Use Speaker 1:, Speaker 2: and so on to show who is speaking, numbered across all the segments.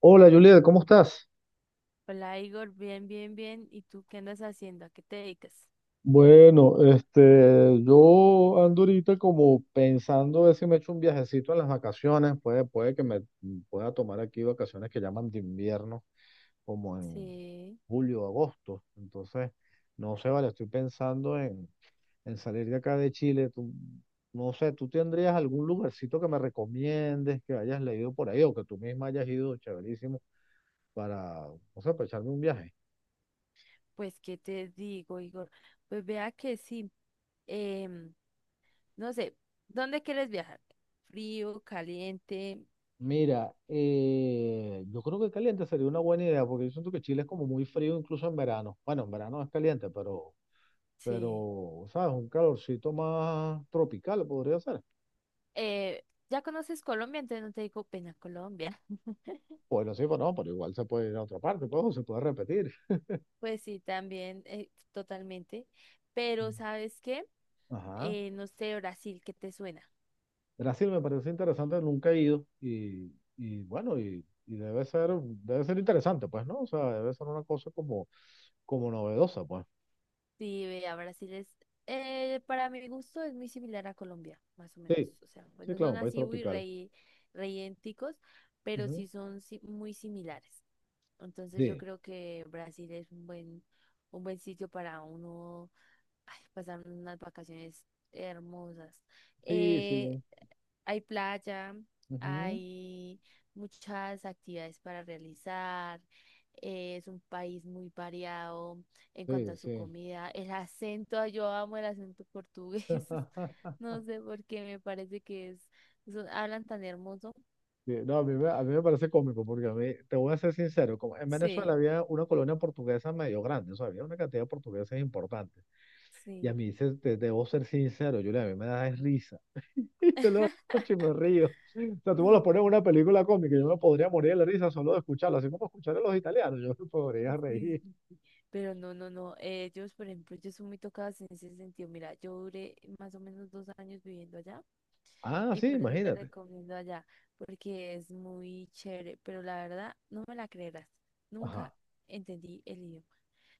Speaker 1: Hola Juliet, ¿cómo estás?
Speaker 2: Hola Igor, bien, bien, bien. ¿Y tú qué andas haciendo? ¿A qué te dedicas?
Speaker 1: Bueno, este, yo ando ahorita como pensando a ver si me echo un viajecito en las vacaciones, puede que me pueda tomar aquí vacaciones que llaman de invierno, como en
Speaker 2: Sí,
Speaker 1: julio, agosto. Entonces, no sé, vale, estoy pensando en salir de acá de Chile. No sé, ¿tú tendrías algún lugarcito que me recomiendes, que hayas leído por ahí o que tú misma hayas ido, chéverísimo, para, no sé, para echarme un viaje?
Speaker 2: pues qué te digo, Igor. Pues vea que sí. em, no sé, ¿dónde quieres viajar? Frío, caliente.
Speaker 1: Mira, yo creo que caliente sería una buena idea, porque yo siento que Chile es como muy frío incluso en verano. Bueno, en verano es caliente, pero,
Speaker 2: Sí.
Speaker 1: pero, ¿sabes? Un calorcito más tropical podría ser.
Speaker 2: Eh, ya conoces Colombia, entonces no te digo pena Colombia.
Speaker 1: Bueno, sí, pero no, pero igual se puede ir a otra parte, pues, o se puede repetir.
Speaker 2: Pues sí, también, totalmente. Pero ¿sabes qué?
Speaker 1: Ajá.
Speaker 2: No sé, Brasil, ¿qué te suena?
Speaker 1: Brasil me parece interesante, nunca he ido y bueno, y debe ser interesante, pues, ¿no? O sea, debe ser una cosa como novedosa, pues.
Speaker 2: Sí, vea, Brasil es, para mi gusto es muy similar a Colombia, más o menos.
Speaker 1: Sí,
Speaker 2: O sea, pues
Speaker 1: sí,
Speaker 2: no
Speaker 1: claro,
Speaker 2: son
Speaker 1: un país
Speaker 2: así, uy,
Speaker 1: tropical.
Speaker 2: rey, reyénticos, pero
Speaker 1: Ujú.
Speaker 2: sí son muy similares. Entonces yo
Speaker 1: Sí,
Speaker 2: creo que Brasil es un buen sitio para uno. Ay, pasaron unas vacaciones hermosas.
Speaker 1: sí,
Speaker 2: Eh,
Speaker 1: sí.
Speaker 2: Hay playa,
Speaker 1: Ujú.
Speaker 2: hay muchas actividades para realizar. Es un país muy variado en cuanto
Speaker 1: Sí,
Speaker 2: a su
Speaker 1: sí.
Speaker 2: comida. El acento, yo amo el acento portugués. No sé por qué, me parece que es, hablan tan hermoso.
Speaker 1: Sí, no, a mí me parece cómico porque a mí, te voy a ser sincero, como en Venezuela
Speaker 2: Sí,
Speaker 1: había una colonia portuguesa medio grande, o sea, había una cantidad de portugueses importante. Y a
Speaker 2: sí.
Speaker 1: mí, debo ser sincero, Julia, a mí me da es risa. Y yo lo escucho y me río. O sea, tú me
Speaker 2: Sí,
Speaker 1: lo pones en una película cómica, y yo me podría morir de la risa solo de escucharlo, así como escuchar a los italianos, yo me podría
Speaker 2: sí.
Speaker 1: reír.
Speaker 2: Pero no, no, no. Ellos, por ejemplo, ellos son muy tocados en ese sentido. Mira, yo duré más o menos 2 años viviendo allá
Speaker 1: Ah,
Speaker 2: y
Speaker 1: sí,
Speaker 2: por eso te
Speaker 1: imagínate.
Speaker 2: recomiendo allá, porque es muy chévere. Pero la verdad, no me la creerás. Nunca
Speaker 1: Ajá,
Speaker 2: entendí el idioma.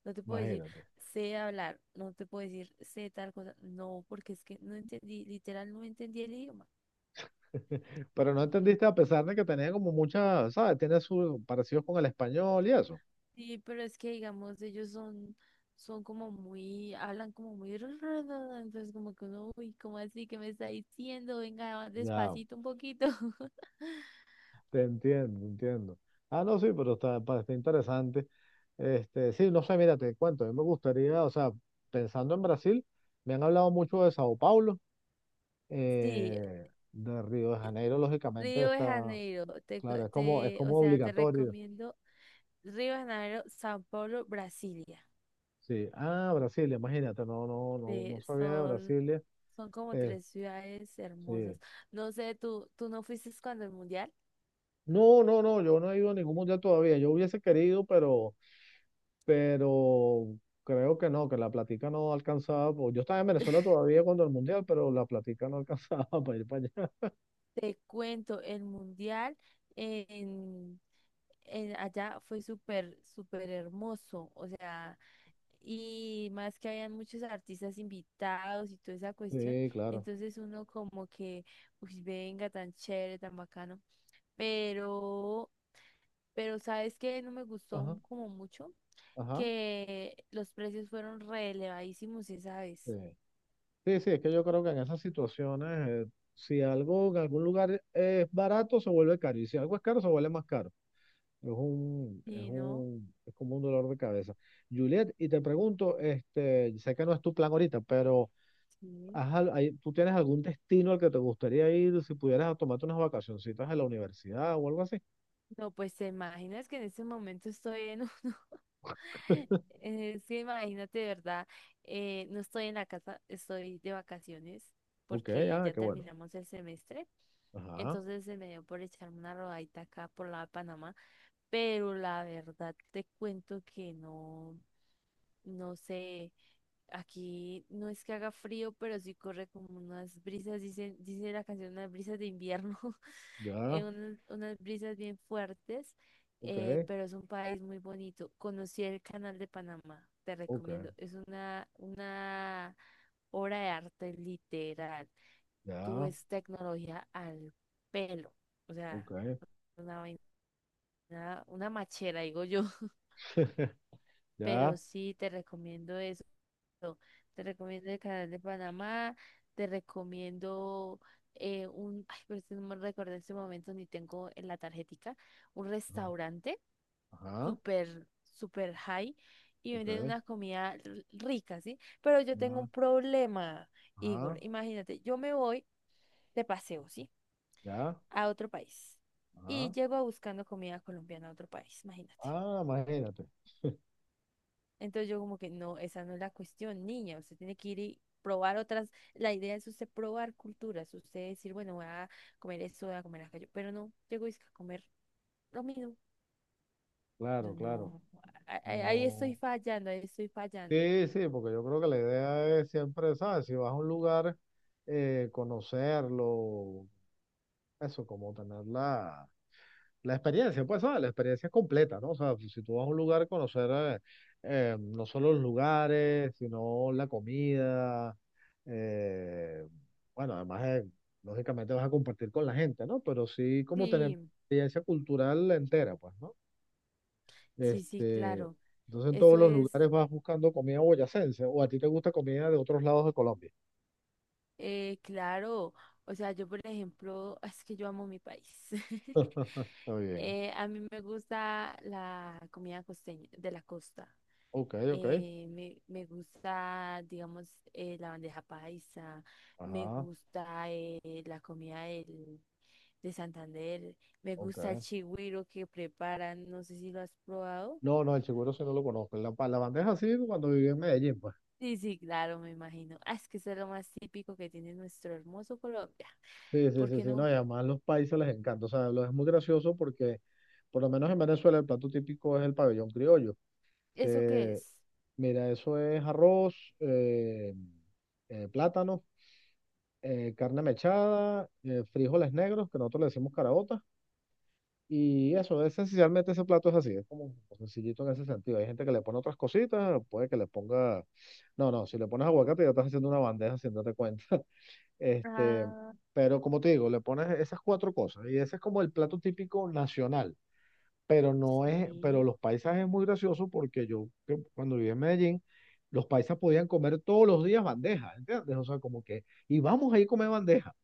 Speaker 2: No te puedo decir
Speaker 1: imagínate.
Speaker 2: sé hablar, no te puedo decir sé tal cosa. No, porque es que no entendí, literal, no entendí el idioma.
Speaker 1: Pero no entendiste a pesar de que tenía como mucha, ¿sabes? Tiene sus parecidos con el español y eso.
Speaker 2: Sí, pero es que digamos, ellos son como muy, hablan como muy, entonces como que uno, uy, ¿cómo así que me está diciendo? Venga,
Speaker 1: Ya,
Speaker 2: despacito un poquito.
Speaker 1: te entiendo, entiendo. Ah, no, sí, pero está, está interesante. Este, sí, no sé, mira, te cuento, a mí me gustaría, o sea, pensando en Brasil, me han hablado mucho de Sao Paulo,
Speaker 2: Sí,
Speaker 1: de Río de Janeiro, lógicamente
Speaker 2: Río de
Speaker 1: está,
Speaker 2: Janeiro, te, co-
Speaker 1: claro, es como, es
Speaker 2: te, o
Speaker 1: como
Speaker 2: sea, te
Speaker 1: obligatorio.
Speaker 2: recomiendo Río de Janeiro, São Paulo, Brasilia.
Speaker 1: Sí, ah, Brasilia, imagínate, no, no, no,
Speaker 2: Sí,
Speaker 1: no sabía de
Speaker 2: son,
Speaker 1: Brasilia.
Speaker 2: son como
Speaker 1: Eh,
Speaker 2: tres ciudades
Speaker 1: sí.
Speaker 2: hermosas. No sé, tú no fuiste cuando el mundial.
Speaker 1: No, no, no, yo no he ido a ningún mundial todavía, yo hubiese querido, pero creo que no, que la platica no alcanzaba, pues, yo estaba en Venezuela todavía cuando el mundial, pero la platica no alcanzaba para ir para allá.
Speaker 2: Te cuento, el mundial. En Allá fue súper, súper hermoso, o sea, y más que habían muchos artistas invitados y toda esa cuestión,
Speaker 1: Sí, claro.
Speaker 2: entonces uno como que, uy, venga, tan chévere, tan bacano, pero, pero ¿sabes qué? No me gustó
Speaker 1: Ajá,
Speaker 2: como mucho,
Speaker 1: ajá.
Speaker 2: que los precios fueron re elevadísimos esa
Speaker 1: Sí.
Speaker 2: vez,
Speaker 1: Sí, sí, es que yo creo que en esas situaciones, si algo en algún lugar es barato, se vuelve caro, y si algo es caro, se vuelve más caro. Es un, es
Speaker 2: ¿y no?
Speaker 1: un, es como un dolor de cabeza. Juliet, y te pregunto, este, sé que no es tu plan ahorita, pero
Speaker 2: Sí.
Speaker 1: ¿tú tienes algún destino al que te gustaría ir si pudieras tomarte unas vacacioncitas en la universidad o algo así?
Speaker 2: No, pues te imaginas que en este momento estoy en Es que imagínate, ¿de verdad? No estoy en la casa, estoy de vacaciones
Speaker 1: Ok,
Speaker 2: porque
Speaker 1: ya,
Speaker 2: ya
Speaker 1: qué bueno.
Speaker 2: terminamos el semestre.
Speaker 1: Ajá,
Speaker 2: Entonces se me dio por echarme una rodadita acá por la Panamá, pero la verdad te cuento que no, no sé, aquí no es que haga frío, pero sí corre como unas brisas, dice la canción, unas brisas de invierno.
Speaker 1: ya,
Speaker 2: Unas brisas bien fuertes,
Speaker 1: ok,
Speaker 2: pero es un país muy bonito. Conocí el Canal de Panamá, te
Speaker 1: ok,
Speaker 2: recomiendo. Es una obra de arte literal. Tú
Speaker 1: ya,
Speaker 2: ves tecnología al pelo, o sea,
Speaker 1: ok,
Speaker 2: una vaina, una machera, digo yo. Pero
Speaker 1: ya,
Speaker 2: sí, te recomiendo eso. Te recomiendo el canal de Panamá, te recomiendo. Ay, pero es que no me recuerdo en este momento ni tengo en la tarjetica, un
Speaker 1: ajá,
Speaker 2: restaurante
Speaker 1: ajá,
Speaker 2: súper, súper high y
Speaker 1: ok,
Speaker 2: venden una comida rica, ¿sí? Pero yo tengo
Speaker 1: ya,
Speaker 2: un problema, Igor.
Speaker 1: ajá,
Speaker 2: Imagínate, yo me voy de paseo, ¿sí?
Speaker 1: ya,
Speaker 2: A otro país y
Speaker 1: ajá.
Speaker 2: llego buscando comida colombiana a otro país, imagínate.
Speaker 1: Ah, imagínate,
Speaker 2: Entonces yo como que no, esa no es la cuestión, niña, usted tiene que ir y probar otras, la idea es usted probar culturas, usted decir, bueno, voy a comer esto, voy a comer aquello, pero no, llego y es que a comer lo mismo. Yo
Speaker 1: claro, claro,
Speaker 2: no, ahí estoy
Speaker 1: no.
Speaker 2: fallando, ahí estoy fallando.
Speaker 1: Sí, sí, porque yo creo que la idea es siempre, ¿sabes? Si vas a un lugar, conocerlo, eso, como tenerla la experiencia, pues, ¿sabes? La experiencia es completa, ¿no? O sea, pues, si tú vas a un lugar, conocer no solo los lugares, sino la comida. eh, bueno, además, lógicamente vas a compartir con la gente, ¿no? Pero sí como tener
Speaker 2: Sí,
Speaker 1: experiencia cultural entera, pues, ¿no?
Speaker 2: sí, sí,
Speaker 1: Este,
Speaker 2: claro,
Speaker 1: entonces en todos
Speaker 2: eso
Speaker 1: los
Speaker 2: es,
Speaker 1: lugares vas buscando comida boyacense, o a ti te gusta comida de otros lados de Colombia.
Speaker 2: claro, o sea, yo por ejemplo, es que yo amo mi país.
Speaker 1: Está bien.
Speaker 2: A mí me gusta la comida costeña, de la costa.
Speaker 1: Ok, ok.
Speaker 2: Me gusta, digamos, la bandeja paisa, me
Speaker 1: Ajá,
Speaker 2: gusta la comida de Santander, me gusta el
Speaker 1: ok.
Speaker 2: chigüiro que preparan, no sé si lo has probado.
Speaker 1: No, no, el seguro sí no lo conozco. La banda es así cuando viví en Medellín, pues.
Speaker 2: Sí, sí, claro, me imagino. Ah, es que eso es lo más típico que tiene nuestro hermoso Colombia.
Speaker 1: Sí, sí,
Speaker 2: ¿Por
Speaker 1: sí,
Speaker 2: qué
Speaker 1: sí. No,
Speaker 2: no?
Speaker 1: y además los países les encanta. O sea, lo es muy gracioso porque, por lo menos en Venezuela, el plato típico es el pabellón criollo.
Speaker 2: ¿Eso qué
Speaker 1: Que,
Speaker 2: es?
Speaker 1: mira, eso es arroz, plátano, carne mechada, frijoles negros, que nosotros le decimos caraotas. Y eso, es, esencialmente ese plato es así. Es como sencillito en ese sentido. Hay gente que le pone otras cositas, puede que le ponga. No, no, si le pones aguacate ya estás haciendo una bandeja sin darte cuenta. Este,
Speaker 2: Ah,
Speaker 1: pero como te digo, le pones esas cuatro cosas y ese es como el plato típico nacional, pero no es, pero
Speaker 2: sí.
Speaker 1: los paisas es muy gracioso porque yo que cuando viví en Medellín, los paisas podían comer todos los días bandeja, ¿entiendes? O sea, como que, y vamos a ir a comer bandeja,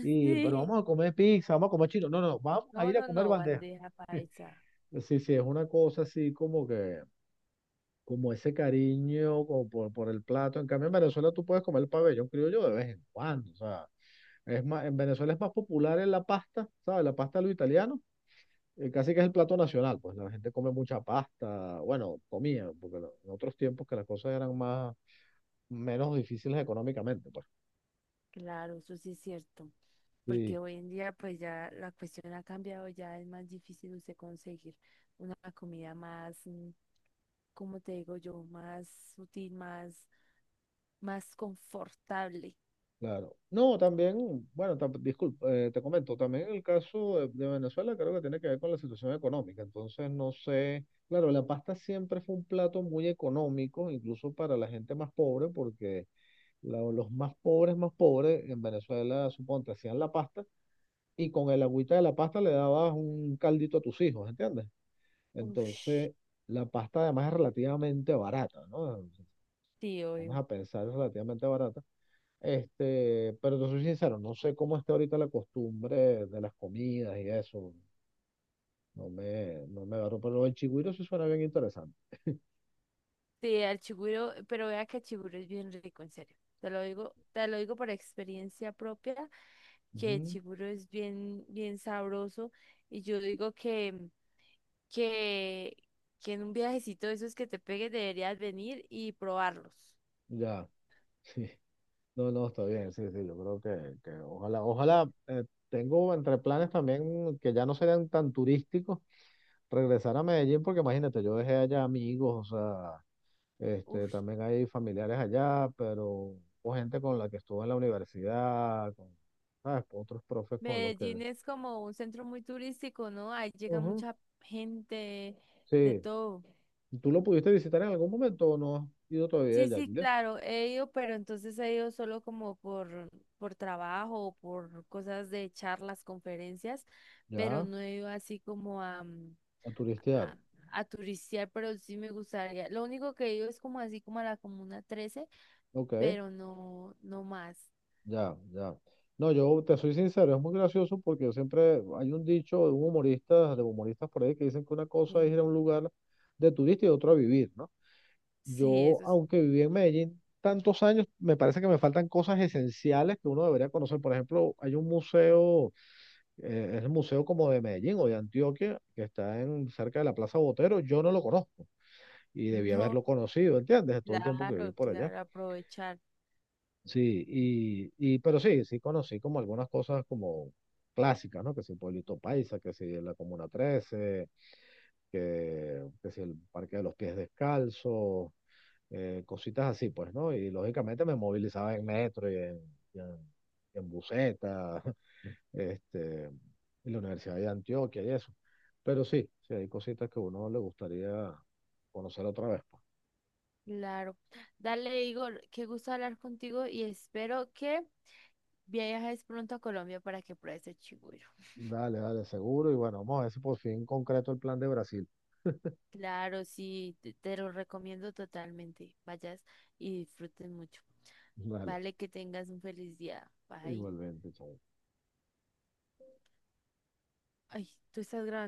Speaker 1: y, pero
Speaker 2: Sí.
Speaker 1: vamos a comer pizza, vamos a comer chino, no, no, no, vamos
Speaker 2: No,
Speaker 1: a ir a
Speaker 2: no,
Speaker 1: comer
Speaker 2: no,
Speaker 1: bandeja.
Speaker 2: bandeja paisa.
Speaker 1: Sí, sí, es una cosa así como que, como ese cariño como por el plato. En cambio, en Venezuela tú puedes comer el pabellón criollo de vez en cuando, o sea. Es más, en Venezuela es más popular en la pasta, ¿sabes? La pasta de los italianos, casi que es el plato nacional, pues la gente come mucha pasta, bueno, comía, porque en otros tiempos que las cosas eran menos difíciles económicamente, pues.
Speaker 2: Claro, eso sí es cierto.
Speaker 1: Sí,
Speaker 2: Porque hoy en día pues ya la cuestión ha cambiado, ya es más difícil usted conseguir una comida más, como te digo yo, más sutil, más confortable.
Speaker 1: claro. No, también, bueno, disculpa, te comento, también el caso de Venezuela creo que tiene que ver con la situación económica, entonces no sé, claro, la pasta siempre fue un plato muy económico, incluso para la gente más pobre, porque los más pobres en Venezuela, suponte, hacían la pasta y con el agüita de la pasta le dabas un caldito a tus hijos, ¿entiendes?
Speaker 2: Ush,
Speaker 1: Entonces, la pasta además es relativamente barata, ¿no?
Speaker 2: sí,
Speaker 1: Vamos
Speaker 2: obvio.
Speaker 1: a pensar, es relativamente barata. Este, pero te soy sincero, no sé cómo está ahorita la costumbre de las comidas y eso. No me agarro, pero el chigüiro sí suena bien interesante.
Speaker 2: Sí, al chiguro, pero vea que el chiguro es bien rico, en serio. Te lo digo por experiencia propia, que el
Speaker 1: Ujú.
Speaker 2: chiguro es bien, bien sabroso. Y yo digo que, que en un viajecito de esos que te pegues deberías venir y probarlos.
Speaker 1: Ya, sí. No, no, está bien, sí, sí, yo creo que, que ojalá, tengo entre planes también que ya no sean tan turísticos regresar a Medellín porque imagínate, yo dejé allá amigos, o sea, este,
Speaker 2: Uf,
Speaker 1: también hay familiares allá, pero hubo gente con la que estuve en la universidad, con, ¿sabes? Otros profes con los que...
Speaker 2: Medellín es como un centro muy turístico, ¿no? Ahí llega
Speaker 1: Ujú.
Speaker 2: mucha gente de
Speaker 1: Sí,
Speaker 2: todo.
Speaker 1: ¿tú lo pudiste visitar en algún momento o no has ido todavía
Speaker 2: Sí,
Speaker 1: allá,
Speaker 2: sí,
Speaker 1: Julia?
Speaker 2: claro, he ido, pero entonces he ido solo como por trabajo o por cosas de charlas, conferencias, pero
Speaker 1: Ya,
Speaker 2: no he ido así como
Speaker 1: a turistear.
Speaker 2: a, a turistear, pero sí me gustaría. Lo único que he ido es como así como a la Comuna 13,
Speaker 1: Ok,
Speaker 2: pero no, no más.
Speaker 1: ya, ya. No, yo te soy sincero, es muy gracioso porque yo siempre hay un dicho de un humorista, de humoristas por ahí que dicen que una cosa es
Speaker 2: Sí,
Speaker 1: ir a un lugar de turista y otra a vivir, ¿no?
Speaker 2: sí,
Speaker 1: Yo,
Speaker 2: eso.
Speaker 1: aunque viví en Medellín tantos años, me parece que me faltan cosas esenciales que uno debería conocer. Por ejemplo, hay un museo, es el museo como de Medellín o de Antioquia, que está en, cerca de la Plaza Botero. Yo no lo conozco y debí haberlo
Speaker 2: No,
Speaker 1: conocido, ¿entiendes? De todo el tiempo que viví
Speaker 2: claro,
Speaker 1: por allá.
Speaker 2: claro, aprovechar.
Speaker 1: Sí, y pero sí, sí conocí como algunas cosas como clásicas, ¿no? Que si Pueblito Paisa, que si la Comuna 13, que si el Parque de los Pies Descalzos cositas así, pues, ¿no? Y lógicamente me movilizaba en metro y en buseta, este, en la Universidad de Antioquia y eso. Pero sí, sí hay cositas que a uno le gustaría conocer otra vez, pues.
Speaker 2: Claro. Dale, Igor, qué gusto hablar contigo y espero que viajes pronto a Colombia para que pruebes el chigüiro.
Speaker 1: Dale, dale, seguro. Y bueno, vamos a ver si por fin concreto el plan de Brasil.
Speaker 2: Claro, sí, te lo recomiendo totalmente. Vayas y disfrutes mucho.
Speaker 1: Dale,
Speaker 2: Vale, que tengas un feliz día. Bye.
Speaker 1: igualmente, chao.
Speaker 2: Ay, tú estás grabando.